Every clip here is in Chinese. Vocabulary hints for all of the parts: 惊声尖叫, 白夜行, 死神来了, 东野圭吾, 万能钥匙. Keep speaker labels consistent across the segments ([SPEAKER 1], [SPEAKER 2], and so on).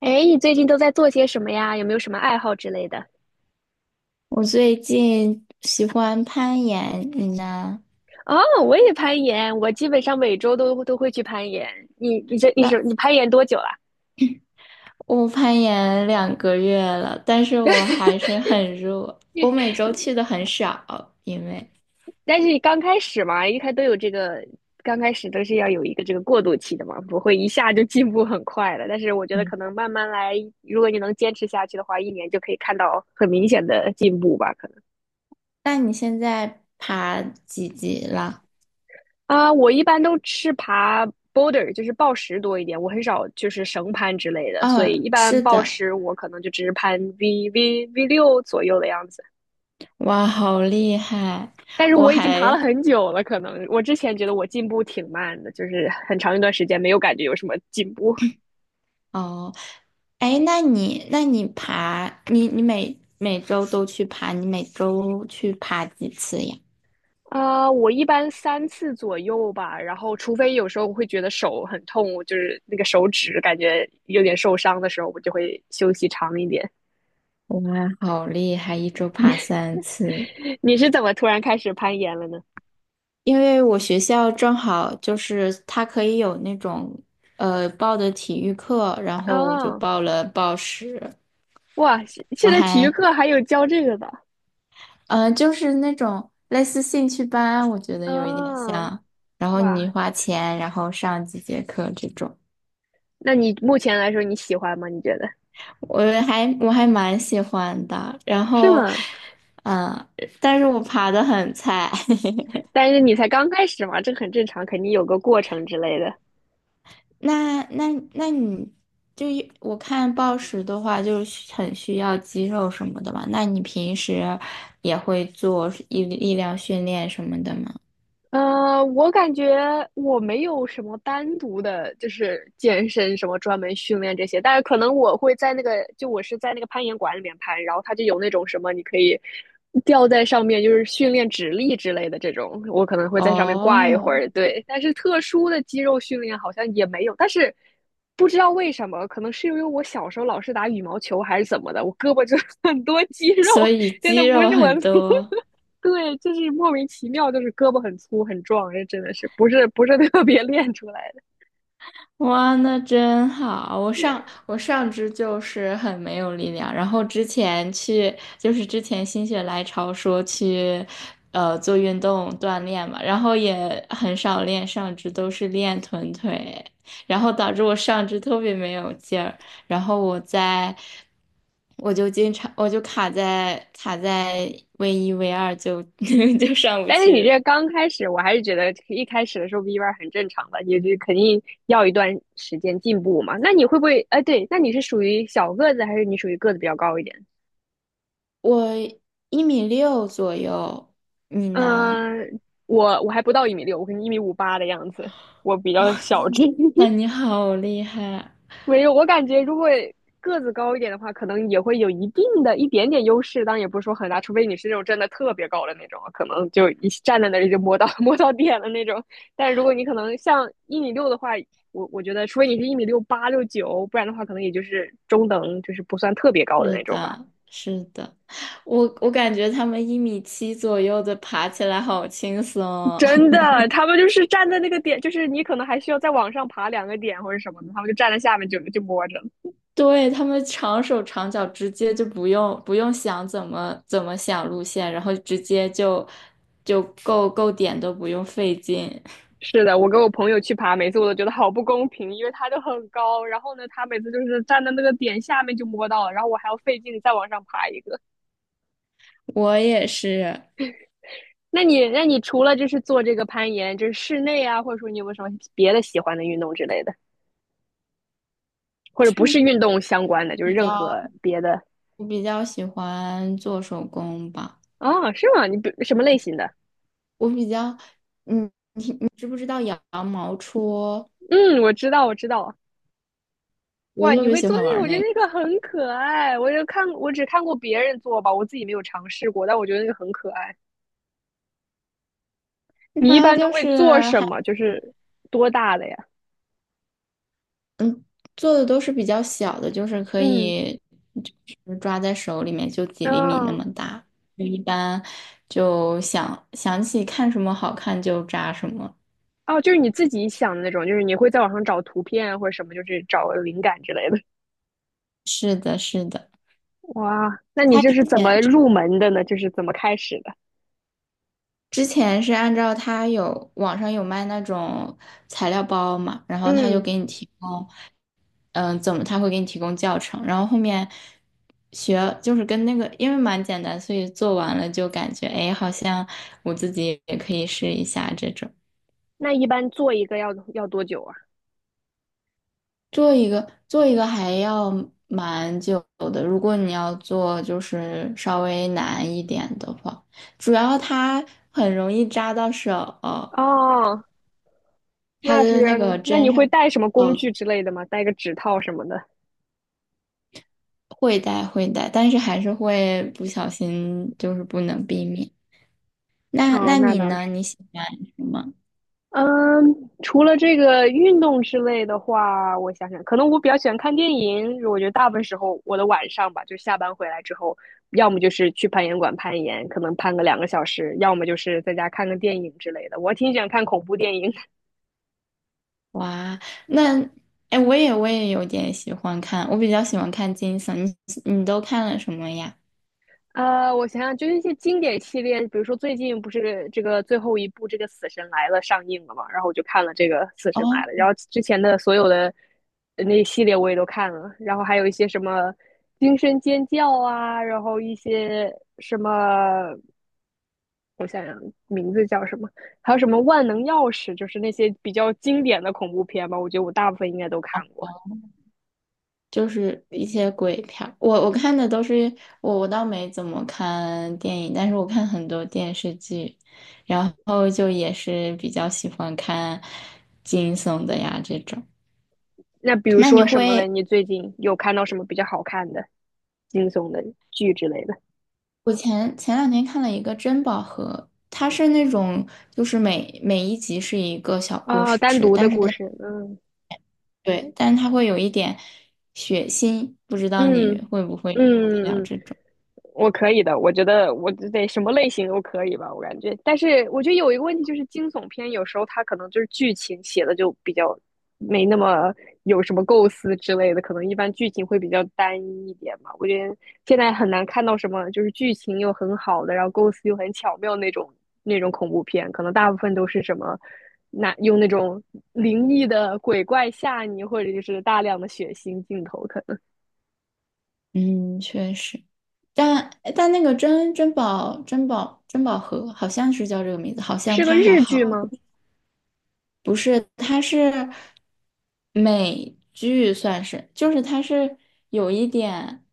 [SPEAKER 1] 哎，你最近都在做些什么呀？有没有什么爱好之类的？
[SPEAKER 2] 我最近喜欢攀岩，你呢？
[SPEAKER 1] 哦，我也攀岩，我基本上每周都会去攀岩。你你这你是你
[SPEAKER 2] 那
[SPEAKER 1] 攀岩多久了？
[SPEAKER 2] 我攀岩2个月了，但是我还 是很弱。我每周去的很少，因为
[SPEAKER 1] 但是你刚开始嘛，一开都有这个，刚开始都是要有一个这个过渡期的嘛，不会一下就进步很快的。但是我觉得可
[SPEAKER 2] 嗯，
[SPEAKER 1] 能慢慢来，如果你能坚持下去的话，一年就可以看到很明显的进步吧。
[SPEAKER 2] 那你现在爬几级了？
[SPEAKER 1] 啊，我一般都是爬 boulder，就是抱石多一点，我很少就是绳攀之类的，所以
[SPEAKER 2] 嗯，
[SPEAKER 1] 一般
[SPEAKER 2] 是
[SPEAKER 1] 抱
[SPEAKER 2] 的，
[SPEAKER 1] 石我可能就只是攀 V 六左右的样子。
[SPEAKER 2] 哇，好厉害！
[SPEAKER 1] 但是
[SPEAKER 2] 我
[SPEAKER 1] 我已经爬了
[SPEAKER 2] 还
[SPEAKER 1] 很久了，可能我之前觉得我进步挺慢的，就是很长一段时间没有感觉有什么进步。
[SPEAKER 2] 哦，哎，那你你每周都去爬，你每周去爬几次呀？
[SPEAKER 1] 啊我一般3次左右吧，然后除非有时候我会觉得手很痛，我就是那个手指感觉有点受伤的时候，我就会休息长一点。
[SPEAKER 2] 哇，好厉害，一周爬3次。
[SPEAKER 1] 你是怎么突然开始攀岩了呢？
[SPEAKER 2] 因为我学校正好就是他可以有那种报的体育课，然后我就
[SPEAKER 1] 啊。
[SPEAKER 2] 报了报时，
[SPEAKER 1] 哇，现现
[SPEAKER 2] 然后
[SPEAKER 1] 在体育
[SPEAKER 2] 还
[SPEAKER 1] 课还有教这个的，
[SPEAKER 2] 呃就是那种类似兴趣班，我觉得有一点
[SPEAKER 1] 哦，
[SPEAKER 2] 像，然后你
[SPEAKER 1] 哇，
[SPEAKER 2] 花钱然后上几节课这种，
[SPEAKER 1] 那你目前来说你喜欢吗？你觉得？
[SPEAKER 2] 我还蛮喜欢的，
[SPEAKER 1] 是吗？
[SPEAKER 2] 嗯、呃但是我爬的很菜，
[SPEAKER 1] 但是你才刚开始嘛，这很正常，肯定有个过程之类的。
[SPEAKER 2] 那你我看暴食的话，就是很需要肌肉什么的嘛。那你平时也会做力量训练什么的吗？
[SPEAKER 1] 我感觉我没有什么单独的，就是健身什么专门训练这些，但是可能我会在那个，就我是在那个攀岩馆里面攀，然后它就有那种什么你可以吊在上面，就是训练指力之类的这种，我可能会在上面挂一会
[SPEAKER 2] 哦，
[SPEAKER 1] 儿，对。但是特殊的肌肉训练好像也没有，但是不知道为什么，可能是因为我小时候老是打羽毛球还是怎么的，我胳膊就 很多肌肉，
[SPEAKER 2] 所以
[SPEAKER 1] 真的
[SPEAKER 2] 肌
[SPEAKER 1] 不
[SPEAKER 2] 肉
[SPEAKER 1] 是我。
[SPEAKER 2] 很多。
[SPEAKER 1] 对，就是莫名其妙，就是胳膊很粗很壮，这真的是不是 特别练出来的。
[SPEAKER 2] 哇，那真好！我上肢就是很没有力量，然后之前去就是之前心血来潮说去，做运动锻炼嘛，然后也很少练上肢，都是练臀腿，然后导致我上肢特别没有劲儿，然后我在我就经常卡在 V1 V2就 就上不
[SPEAKER 1] 但是你这
[SPEAKER 2] 去，
[SPEAKER 1] 刚开始，我还是觉得一开始的时候 V 弯很正常的，也就肯定要一段时间进步嘛。那你会不会？哎，对，那你是属于小个子，还是你属于个子比较高一点？
[SPEAKER 2] 我1米6左右，你呢？
[SPEAKER 1] 嗯、呃我还不到一米六，我可能1米58的样子，我比较
[SPEAKER 2] 哇，
[SPEAKER 1] 小只。
[SPEAKER 2] 那 你好厉害，
[SPEAKER 1] 没有，我感觉如果个子高一点的话，可能也会有一定的一点点优势，当然也不是说很大，除非你是那种真的特别高的那种，可能就一站在那里就摸到 摸到点了那种。但如果你可能像一米六的话，我觉得，除非你是一米六八六九，不然的话，可能也就是中等，就是不算特别高的
[SPEAKER 2] 是
[SPEAKER 1] 那种吧。
[SPEAKER 2] 的，是的，我感觉他们1米7左右的爬起来好轻松哦
[SPEAKER 1] 真 的，他们就是站在那个点，就是你可能还需要再往上爬2个点或者什么的，他们就站在下面就摸着了。
[SPEAKER 2] 对，他们长手长脚，直接就不用想怎么想路线，然后直接就够点都不用费劲。
[SPEAKER 1] 是的，我跟我朋友去爬，每次我都觉得好不公平，因为它就很高，然后呢，他每次就是站在那个点下面就摸到了，然后我还要费劲再往上爬一个。
[SPEAKER 2] 我也是，
[SPEAKER 1] 那你，那你除了就是做这个攀岩，就是室内啊，或者说你有没有什么别的喜欢的运动之类的，或者不是
[SPEAKER 2] 是
[SPEAKER 1] 运动相关的，就是
[SPEAKER 2] 比
[SPEAKER 1] 任
[SPEAKER 2] 较
[SPEAKER 1] 何别的？
[SPEAKER 2] 我比较喜欢做手工吧，
[SPEAKER 1] 哦，是吗？你不什么类型的？
[SPEAKER 2] 我比较，嗯，你知不知道羊毛戳？
[SPEAKER 1] 嗯，我知道，我知道。
[SPEAKER 2] 我
[SPEAKER 1] 哇，
[SPEAKER 2] 特
[SPEAKER 1] 你
[SPEAKER 2] 别
[SPEAKER 1] 会
[SPEAKER 2] 喜
[SPEAKER 1] 做
[SPEAKER 2] 欢
[SPEAKER 1] 那个？
[SPEAKER 2] 玩
[SPEAKER 1] 我觉得
[SPEAKER 2] 那个。
[SPEAKER 1] 那个很可爱。我就看，我只看过别人做吧，我自己没有尝试过，但我觉得那个很可爱。你一
[SPEAKER 2] 它
[SPEAKER 1] 般都
[SPEAKER 2] 就
[SPEAKER 1] 会
[SPEAKER 2] 是
[SPEAKER 1] 做什
[SPEAKER 2] 还
[SPEAKER 1] 么？就是多大的呀？
[SPEAKER 2] 做的都是比较小的，就是可
[SPEAKER 1] 嗯，
[SPEAKER 2] 以就是抓在手里面就几厘米那
[SPEAKER 1] 哦
[SPEAKER 2] 么大。就一般就想起看什么好看就扎什么。
[SPEAKER 1] 哦，就是你自己想的那种，就是你会在网上找图片啊或者什么，就是找灵感之类的。
[SPEAKER 2] 是的，是的。
[SPEAKER 1] 哇，那你
[SPEAKER 2] 他
[SPEAKER 1] 这
[SPEAKER 2] 之
[SPEAKER 1] 是怎
[SPEAKER 2] 前
[SPEAKER 1] 么
[SPEAKER 2] 之
[SPEAKER 1] 入门的呢？就是怎么开始的？
[SPEAKER 2] 之前是按照他有网上有卖那种材料包嘛，然后他就
[SPEAKER 1] 嗯，
[SPEAKER 2] 给你提供。怎么他会给你提供教程，然后后面学就是跟那个，因为蛮简单，所以做完了就感觉，哎，好像我自己也可以试一下这种。
[SPEAKER 1] 那一般做一个要多久啊？
[SPEAKER 2] 做一个还要蛮久的，如果你要做就是稍微难一点的话，主要它很容易扎到手，
[SPEAKER 1] 哦，
[SPEAKER 2] 它
[SPEAKER 1] 那
[SPEAKER 2] 的
[SPEAKER 1] 是，
[SPEAKER 2] 那个
[SPEAKER 1] 那你
[SPEAKER 2] 针上
[SPEAKER 1] 会带什么工
[SPEAKER 2] 哦
[SPEAKER 1] 具之类的吗？带个指套什么的？
[SPEAKER 2] 会带，但是还是会不小心，就是不能避免。那
[SPEAKER 1] 哦，
[SPEAKER 2] 那
[SPEAKER 1] 那
[SPEAKER 2] 你
[SPEAKER 1] 倒
[SPEAKER 2] 呢？
[SPEAKER 1] 是。
[SPEAKER 2] 你喜欢什么？
[SPEAKER 1] 嗯，除了这个运动之类的话，我想想，可能我比较喜欢看电影。我觉得大部分时候，我的晚上吧，就下班回来之后，要么就是去攀岩馆攀岩，可能攀个2个小时，要么就是在家看个电影之类的。我挺喜欢看恐怖电影。
[SPEAKER 2] 哇，那哎，我也有点喜欢看，我比较喜欢看惊悚。你都看了什么呀？
[SPEAKER 1] 我想想，就是一些经典系列，比如说最近不是这个最后一部这个《死神来了》上映了嘛，然后我就看了这个《死神来了》，
[SPEAKER 2] 哦，
[SPEAKER 1] 然后之前的所有的那系列我也都看了，然后还有一些什么《惊声尖叫》啊，然后一些什么，我想想名字叫什么，还有什么《万能钥匙》，就是那些比较经典的恐怖片吧，我觉得我大部分应该都看过。
[SPEAKER 2] 就是一些鬼片儿。我我看的都是我倒没怎么看电影，但是我看很多电视剧，然后就也是比较喜欢看惊悚的呀这种。
[SPEAKER 1] 那比如
[SPEAKER 2] 那你
[SPEAKER 1] 说什么嘞？
[SPEAKER 2] 会
[SPEAKER 1] 你最近有看到什么比较好看的、惊悚的剧之类的？
[SPEAKER 2] 我前前两天看了一个珍宝盒，它是那种就是每一集是一个小故
[SPEAKER 1] 哦，单
[SPEAKER 2] 事，
[SPEAKER 1] 独的
[SPEAKER 2] 但是
[SPEAKER 1] 故事，嗯
[SPEAKER 2] 对，但是它会有一点血腥，不知道你
[SPEAKER 1] 嗯。
[SPEAKER 2] 会不会受得
[SPEAKER 1] 嗯
[SPEAKER 2] 了
[SPEAKER 1] 嗯，
[SPEAKER 2] 这种？
[SPEAKER 1] 我可以的，我觉得我得什么类型都可以吧，我感觉。但是我觉得有一个问题就是惊悚片有时候它可能就是剧情写的就比较没那么有什么构思之类的，可能一般剧情会比较单一一点嘛。我觉得现在很难看到什么就是剧情又很好的，然后构思又很巧妙那种那种恐怖片，可能大部分都是什么。那用那种灵异的鬼怪吓你，或者就是大量的血腥镜头，可能
[SPEAKER 2] 嗯，确实，但但那个珍宝盒好像是叫这个名字，好像
[SPEAKER 1] 是个
[SPEAKER 2] 它还
[SPEAKER 1] 日剧
[SPEAKER 2] 好。
[SPEAKER 1] 吗？
[SPEAKER 2] 不是，它是美剧，算是，就是它是有一点，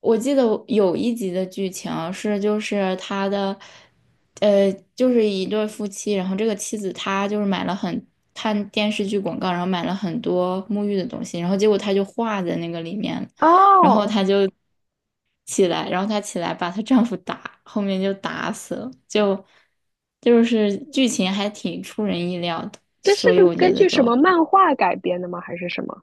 [SPEAKER 2] 我记得我有一集的剧情是，就是他的，就是一对夫妻，然后这个妻子她就是买了很看电视剧广告，然后买了很多沐浴的东西，然后结果她就化在那个里面了
[SPEAKER 1] 哦，
[SPEAKER 2] 起来，然后她起来把她丈夫打，后面就打死了。就是剧情还挺出人意料的。
[SPEAKER 1] 这是
[SPEAKER 2] 所以
[SPEAKER 1] 个
[SPEAKER 2] 我
[SPEAKER 1] 根
[SPEAKER 2] 觉得
[SPEAKER 1] 据
[SPEAKER 2] 就
[SPEAKER 1] 什么漫画改编的吗？还是什么？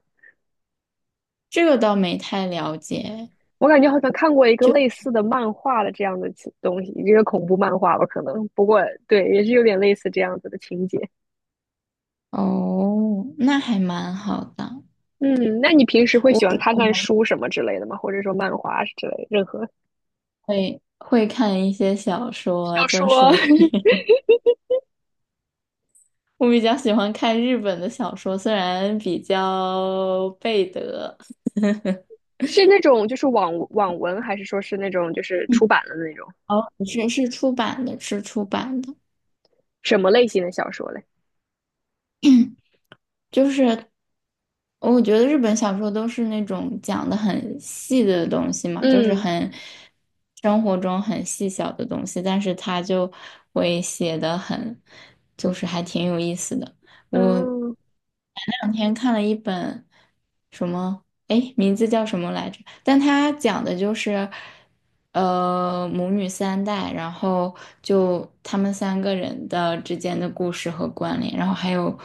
[SPEAKER 2] 这个倒没太了解。
[SPEAKER 1] 我感觉好像看过一个类似的漫画的这样的情东西，一个恐怖漫画吧，可能。不过对，也是有点类似这样子的情节。
[SPEAKER 2] 哦，那还蛮好的。
[SPEAKER 1] 嗯，那你平时会
[SPEAKER 2] 我
[SPEAKER 1] 喜欢看看
[SPEAKER 2] 我
[SPEAKER 1] 书什么之类的吗？或者说漫画之类，任何
[SPEAKER 2] 还会看一些小说，
[SPEAKER 1] 小
[SPEAKER 2] 就
[SPEAKER 1] 说
[SPEAKER 2] 是 我比较喜欢看日本的小说，虽然比较背德。
[SPEAKER 1] 是那种就是网文，还是说是那种就是出
[SPEAKER 2] 嗯
[SPEAKER 1] 版的那种
[SPEAKER 2] 哦，是出版的，是出版的。
[SPEAKER 1] 什么类型的小说嘞？
[SPEAKER 2] 就是我觉得日本小说都是那种讲的很细的东西嘛，就是
[SPEAKER 1] 嗯
[SPEAKER 2] 生活中很细小的东西，但是他就会写的很，就是还挺有意思的。我。
[SPEAKER 1] 嗯，
[SPEAKER 2] 两天看了一本什么，哎，名字叫什么来着？但它讲的就是，母女三代，然后就他们三个人的之间的故事和关联，然后还有，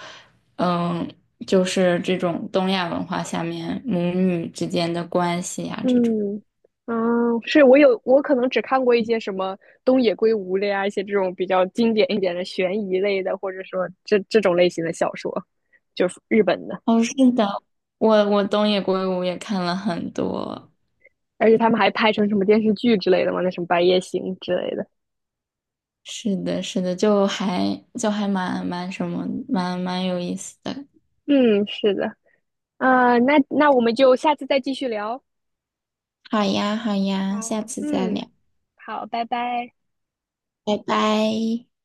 [SPEAKER 2] 嗯，就是这种东亚文化下面母女之间的关系呀、这种。
[SPEAKER 1] 嗯，嗯，是我可能只看过一些什么东野圭吾类啊，一些这种比较经典一点的悬疑类的，或者说这种类型的小说，就是日本的，
[SPEAKER 2] 哦，是的，我东野圭吾也看了很多。
[SPEAKER 1] 而且他们还拍成什么电视剧之类的嘛，那什么《白夜行》之类的。
[SPEAKER 2] 是的，是的，就还蛮什么，蛮有意思的。
[SPEAKER 1] 嗯，是的，那我们就下次再继续聊。
[SPEAKER 2] 好呀，好呀，
[SPEAKER 1] 好，
[SPEAKER 2] 下次再
[SPEAKER 1] 嗯，
[SPEAKER 2] 聊，
[SPEAKER 1] 好，拜拜。
[SPEAKER 2] 拜拜。